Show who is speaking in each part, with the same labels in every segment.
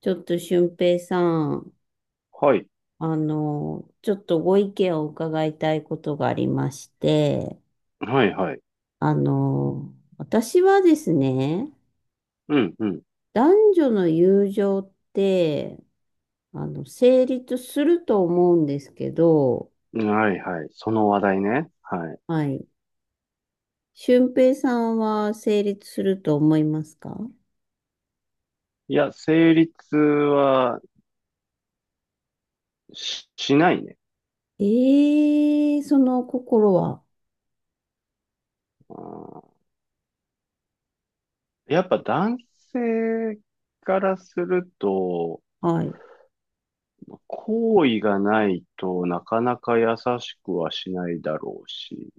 Speaker 1: ちょっと俊平さん、
Speaker 2: はい。
Speaker 1: ちょっとご意見を伺いたいことがありまして、
Speaker 2: はいはい。
Speaker 1: 私はですね、
Speaker 2: うん、う
Speaker 1: 男女の友情って、成立すると思うんですけど。
Speaker 2: ん。はいはい。その話題ね。はい。
Speaker 1: はい。俊平さんは成立すると思いますか？
Speaker 2: いや、成立はしないね。
Speaker 1: ええ、その心は。
Speaker 2: うん、やっぱ男性からすると、
Speaker 1: はい。
Speaker 2: 好意がないとなかなか優しくはしないだろうし。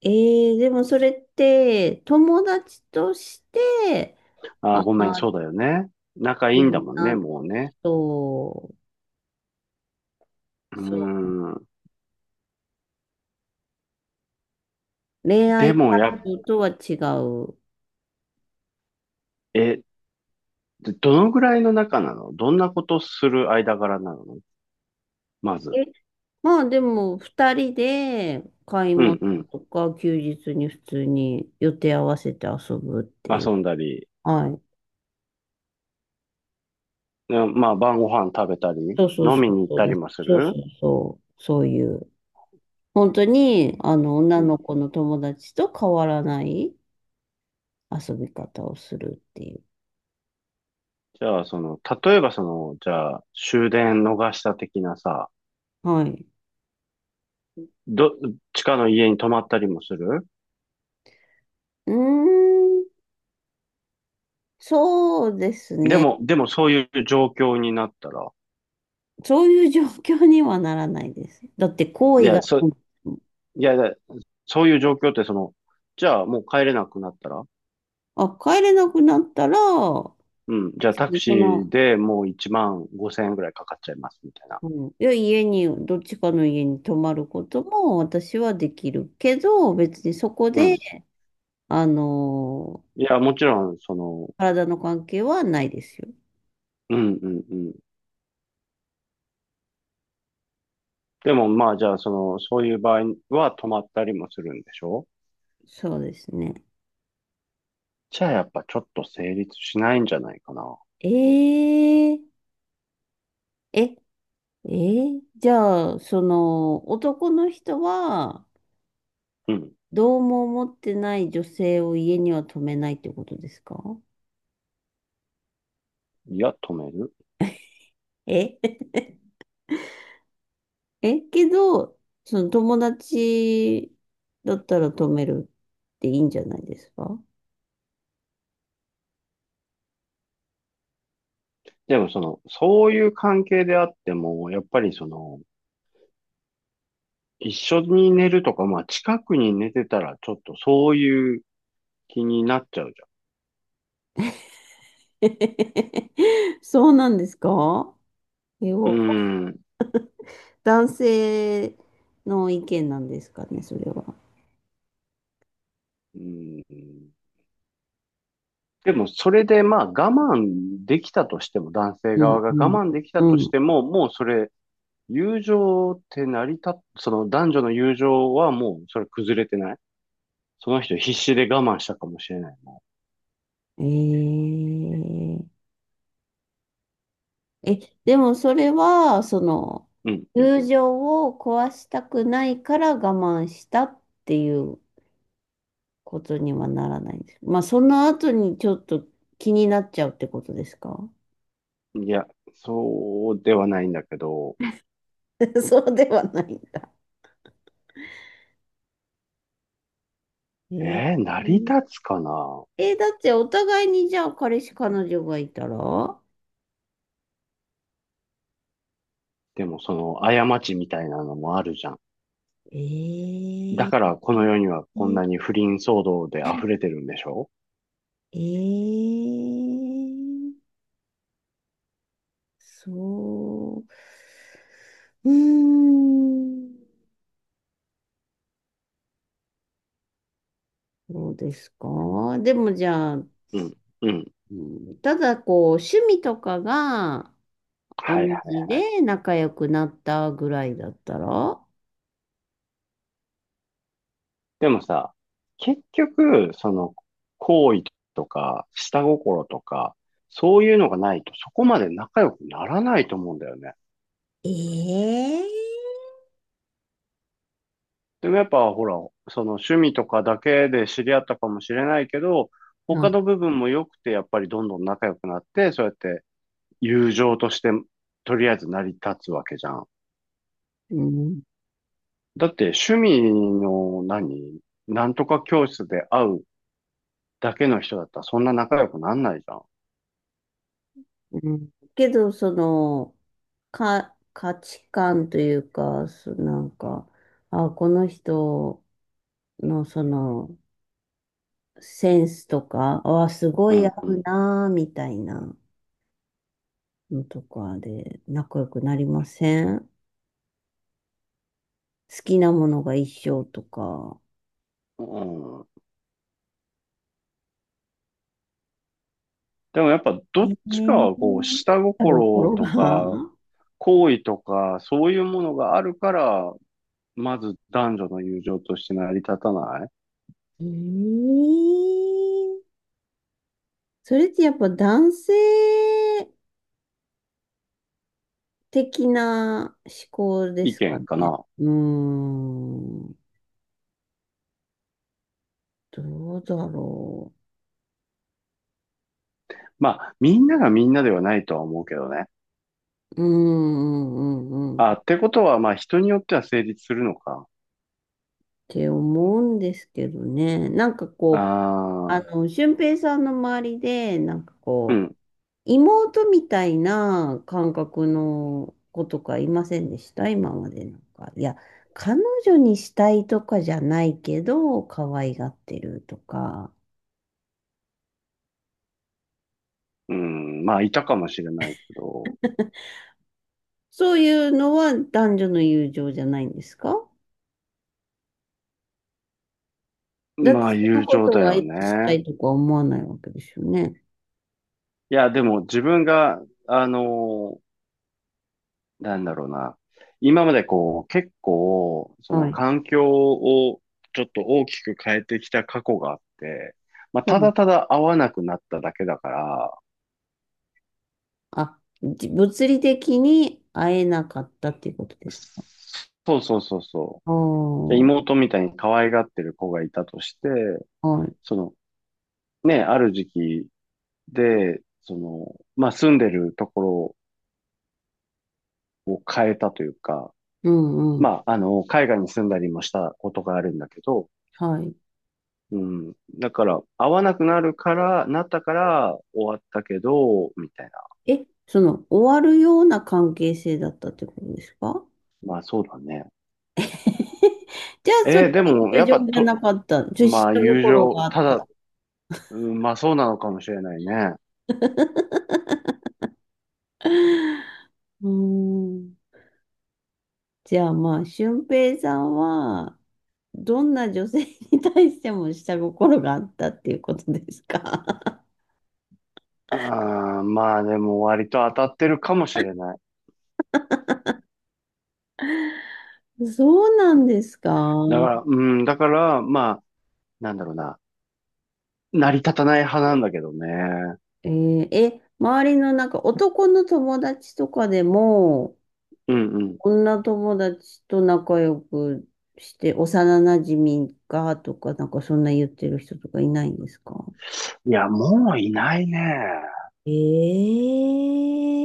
Speaker 1: ええ、でもそれって、友達として、
Speaker 2: あ
Speaker 1: あ
Speaker 2: ー、ごめん、
Speaker 1: あ、
Speaker 2: そうだよね。仲い
Speaker 1: い
Speaker 2: いんだ
Speaker 1: い
Speaker 2: もんね、
Speaker 1: な。
Speaker 2: もうね。
Speaker 1: そう、
Speaker 2: うー
Speaker 1: そ
Speaker 2: ん。
Speaker 1: う、恋
Speaker 2: で
Speaker 1: 愛感
Speaker 2: もや、
Speaker 1: 情とは違う。
Speaker 2: え、どのぐらいの仲なの、どんなことする間柄なのま
Speaker 1: え、
Speaker 2: ず？
Speaker 1: まあでも、二人で買い
Speaker 2: う
Speaker 1: 物
Speaker 2: んうん。
Speaker 1: とか休日に普通に予定合わせて遊ぶってい
Speaker 2: 遊
Speaker 1: う。
Speaker 2: んだり、
Speaker 1: はい。
Speaker 2: でまあ、晩ご飯食べたり、
Speaker 1: そうそう
Speaker 2: 飲
Speaker 1: そ
Speaker 2: み
Speaker 1: う、
Speaker 2: に行っ
Speaker 1: そう
Speaker 2: た
Speaker 1: で
Speaker 2: り
Speaker 1: す。
Speaker 2: もす
Speaker 1: そうそう
Speaker 2: る。
Speaker 1: そう、そういう。本当に、
Speaker 2: う
Speaker 1: 女
Speaker 2: ん。
Speaker 1: の子の友達と変わらない遊び方をするっていう。
Speaker 2: じゃあ、その、例えばその、じゃあ、終電逃した的なさ、
Speaker 1: はい。
Speaker 2: ど、地下の家に泊まったりもする。
Speaker 1: うーん、そうです
Speaker 2: で
Speaker 1: ね。
Speaker 2: も、でもそういう状況になったら、
Speaker 1: そういう状況にはならないです。だって、行
Speaker 2: い
Speaker 1: 為が、
Speaker 2: や、いや、いや、そういう状況ってその、じゃあもう帰れなくなったら、
Speaker 1: あ、帰れなくなったら、
Speaker 2: うん、じゃあ
Speaker 1: 別
Speaker 2: タク
Speaker 1: にそ
Speaker 2: シー
Speaker 1: の、
Speaker 2: でもう1万5千円ぐらいかかっちゃいます、みたいな。
Speaker 1: うん、いや、家に、どっちかの家に泊まることも私はできるけど、別にそこ
Speaker 2: う
Speaker 1: で、
Speaker 2: ん。
Speaker 1: あの
Speaker 2: いや、もちろん、その、
Speaker 1: 体の関係はないですよ。
Speaker 2: うん、うん、でもまあ、じゃあその、そういう場合は止まったりもするんでしょ？
Speaker 1: そうですね。
Speaker 2: じゃあやっぱちょっと成立しないんじゃないかな。
Speaker 1: えー、え、えーじゃあ、その、男の人は、
Speaker 2: うん。
Speaker 1: どうも思ってない女性を家には泊めないってことですか？
Speaker 2: いや、止める。
Speaker 1: え けど、その友達だったら止めるっていいんじゃないですか？
Speaker 2: でもその、そういう関係であっても、やっぱりその、一緒に寝るとか、まあ近くに寝てたらちょっとそういう気になっちゃうじ
Speaker 1: そうなんですか？え、
Speaker 2: ゃん。
Speaker 1: わか
Speaker 2: うん。
Speaker 1: 男性の意見なんですかね、それは。
Speaker 2: うん。でもそれでまあ我慢できたとしても、男性
Speaker 1: う
Speaker 2: 側
Speaker 1: ん、
Speaker 2: が
Speaker 1: うん、
Speaker 2: 我慢できた
Speaker 1: う
Speaker 2: とし
Speaker 1: ん。
Speaker 2: ても、もうそれ友情って成り立っ、その男女の友情はもうそれ崩れてない。その人必死で我慢したかもしれないもん。
Speaker 1: えー、え、でもそれは、その、
Speaker 2: うんう
Speaker 1: 友情を壊したくないから我慢したっていうことにはならないんです。まあ、その後にちょっと気になっちゃうってことですか？
Speaker 2: ん。いや、そうではないんだけど、
Speaker 1: そうではないんだ。えー、
Speaker 2: 成り立つかな。
Speaker 1: だってお互いにじゃあ彼氏彼女がいたら
Speaker 2: でもその過ちみたいなのもあるじゃん。だ
Speaker 1: え
Speaker 2: か
Speaker 1: ー、
Speaker 2: らこの世にはこんなに不倫騒動で溢れてるんでしょ？
Speaker 1: えー、そう、うーん、そうですか。でもじゃあ、
Speaker 2: うん。うん。
Speaker 1: うん、ただこう、趣味とかが、同
Speaker 2: はいは
Speaker 1: じ
Speaker 2: いはい。
Speaker 1: で仲良くなったぐらいだったら、
Speaker 2: でもさ、結局、その、好意とか、下心とか、そういうのがないと、そこまで仲良くならないと思うんだよね。
Speaker 1: ええ、
Speaker 2: でもやっぱ、ほら、その趣味とかだけで知り合ったかもしれないけど、
Speaker 1: あ、
Speaker 2: 他の部分も良くて、やっぱりどんどん仲良くなって、そうやって友情として、とりあえず成り立つわけじゃん。
Speaker 1: うん、
Speaker 2: だって、趣味のなんとか教室で会うだけの人だったら、そんな仲良くなんないじゃん。
Speaker 1: うん。けど、その、価値観というか、なんか、あ、この人のその、センスとか、あ、すご
Speaker 2: う
Speaker 1: い合
Speaker 2: ん、う
Speaker 1: う
Speaker 2: ん。
Speaker 1: なあ、みたいなのとかで仲良くなりません？好きなものが一緒とか。
Speaker 2: うん、でもやっぱど
Speaker 1: え
Speaker 2: っちかはこう下
Speaker 1: え、
Speaker 2: 心
Speaker 1: 心
Speaker 2: とか
Speaker 1: が
Speaker 2: 好意とかそういうものがあるから、まず男女の友情として成り立たな
Speaker 1: ええ、それってやっぱ男性的な思考で
Speaker 2: い意
Speaker 1: すか
Speaker 2: 見か
Speaker 1: ね。
Speaker 2: な。
Speaker 1: うーん、どうだろ
Speaker 2: まあみんながみんなではないとは思うけどね。
Speaker 1: う。うんうんうん
Speaker 2: あ、
Speaker 1: うんっ
Speaker 2: ってことはまあ人によっては成立するのか。
Speaker 1: て思うんですけどね。なんかこう、
Speaker 2: ああ、
Speaker 1: 俊平さんの周りで、なんか
Speaker 2: う
Speaker 1: こう、
Speaker 2: ん、
Speaker 1: 妹みたいな感覚の子とかいませんでした、今までなんか？いや、彼女にしたいとかじゃないけど、可愛がってるとか。
Speaker 2: うん、まあいたかもしれないけど。
Speaker 1: そういうのは男女の友情じゃないんですか？だって
Speaker 2: まあ
Speaker 1: その
Speaker 2: 友
Speaker 1: こ
Speaker 2: 情
Speaker 1: と
Speaker 2: だ
Speaker 1: はエ
Speaker 2: よ
Speaker 1: ッした
Speaker 2: ね。
Speaker 1: いとか思わないわけですよね。
Speaker 2: いやでも自分が、あのなんだろうな。今までこう、結構、そ
Speaker 1: は
Speaker 2: の
Speaker 1: い。
Speaker 2: 環境をちょっと大きく変えてきた過去があって、まあ、
Speaker 1: は
Speaker 2: た
Speaker 1: い。
Speaker 2: だただ会わなくなっただけだから、
Speaker 1: あ、物理的に会えなかったっていうことですか？
Speaker 2: そうそうそうそ
Speaker 1: ああ
Speaker 2: う。じゃ
Speaker 1: ー、
Speaker 2: 妹みたいに可愛がってる子がいたとして、
Speaker 1: はい。
Speaker 2: その、ね、ある時期で、その、まあ、住んでるところを変えたというか、
Speaker 1: うんうん。
Speaker 2: まあ、あの、海外に住んだりもしたことがあるんだけど、
Speaker 1: はい。
Speaker 2: うん。だから、合わなくなるから、なったから終わったけど、みたいな。
Speaker 1: その、終わるような関係性だったってことですか？
Speaker 2: まあそうだね。
Speaker 1: じゃあ、それ
Speaker 2: でも、
Speaker 1: は友
Speaker 2: やっぱ
Speaker 1: 情じゃ
Speaker 2: と、
Speaker 1: なかった。女子
Speaker 2: まあ友
Speaker 1: 心
Speaker 2: 情、
Speaker 1: があ
Speaker 2: た
Speaker 1: っ
Speaker 2: だ、
Speaker 1: た。
Speaker 2: うん、まあそうなのかもしれないね。
Speaker 1: うーん。じゃあ、まあ、俊平さんは、どんな女性に対しても下心があったっていうことですか？
Speaker 2: ああ、まあでも割と当たってるかもしれない。
Speaker 1: そうなんですか。
Speaker 2: だから、うん、だから、まあ、なんだろうな。成り立たない派なんだけどね。
Speaker 1: えーえ、周りのなんか男の友達とかでも、
Speaker 2: うんうん。
Speaker 1: 女友達と仲良くして、幼馴染がとか、なんかそんな言ってる人とかいないんですか？
Speaker 2: いや、もういないね。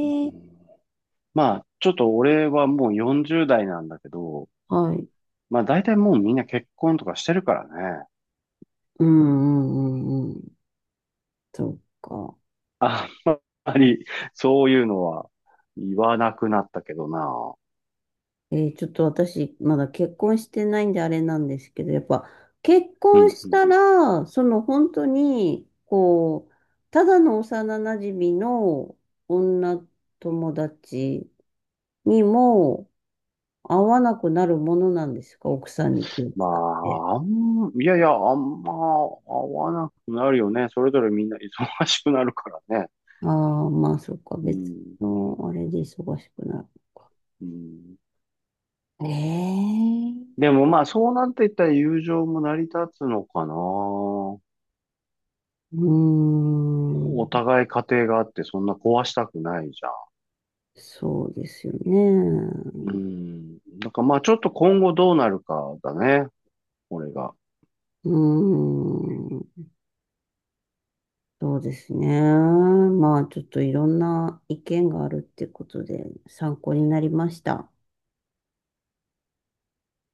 Speaker 2: う
Speaker 1: え。
Speaker 2: ん、まあ、ちょっと俺はもう40代なんだけど、
Speaker 1: はい。
Speaker 2: まあ大体もうみんな結婚とかしてるからね。
Speaker 1: うんうんうんうん。そっか。
Speaker 2: あんまりそういうのは言わなくなったけどな。
Speaker 1: ちょっと私、まだ結婚してないんであれなんですけど、やっぱ結
Speaker 2: う
Speaker 1: 婚
Speaker 2: んう
Speaker 1: し
Speaker 2: ん。
Speaker 1: たら、その本当に、こう、ただの幼馴染の女友達にも、合わなくなるものなんですか？奥さんに気を
Speaker 2: ま
Speaker 1: 使って。
Speaker 2: あ、いやいや、あんま会わなくなるよね。それぞれみんな忙しくなるからね。
Speaker 1: ああ、まあ、そっか。
Speaker 2: う
Speaker 1: 別
Speaker 2: ん。
Speaker 1: の、あれで忙しくなる。
Speaker 2: うん。
Speaker 1: ええ。
Speaker 2: でもまあそうなっていったら友情も成り立つのかな。
Speaker 1: うー
Speaker 2: お
Speaker 1: ん。
Speaker 2: 互い家庭があってそんな壊したくないじゃ
Speaker 1: そうですよ
Speaker 2: ん。う
Speaker 1: ね。
Speaker 2: ん。だからまあちょっと今後どうなるかだね。俺が。
Speaker 1: うーん。そうですね。まあ、ちょっといろんな意見があるってことで参考になりました。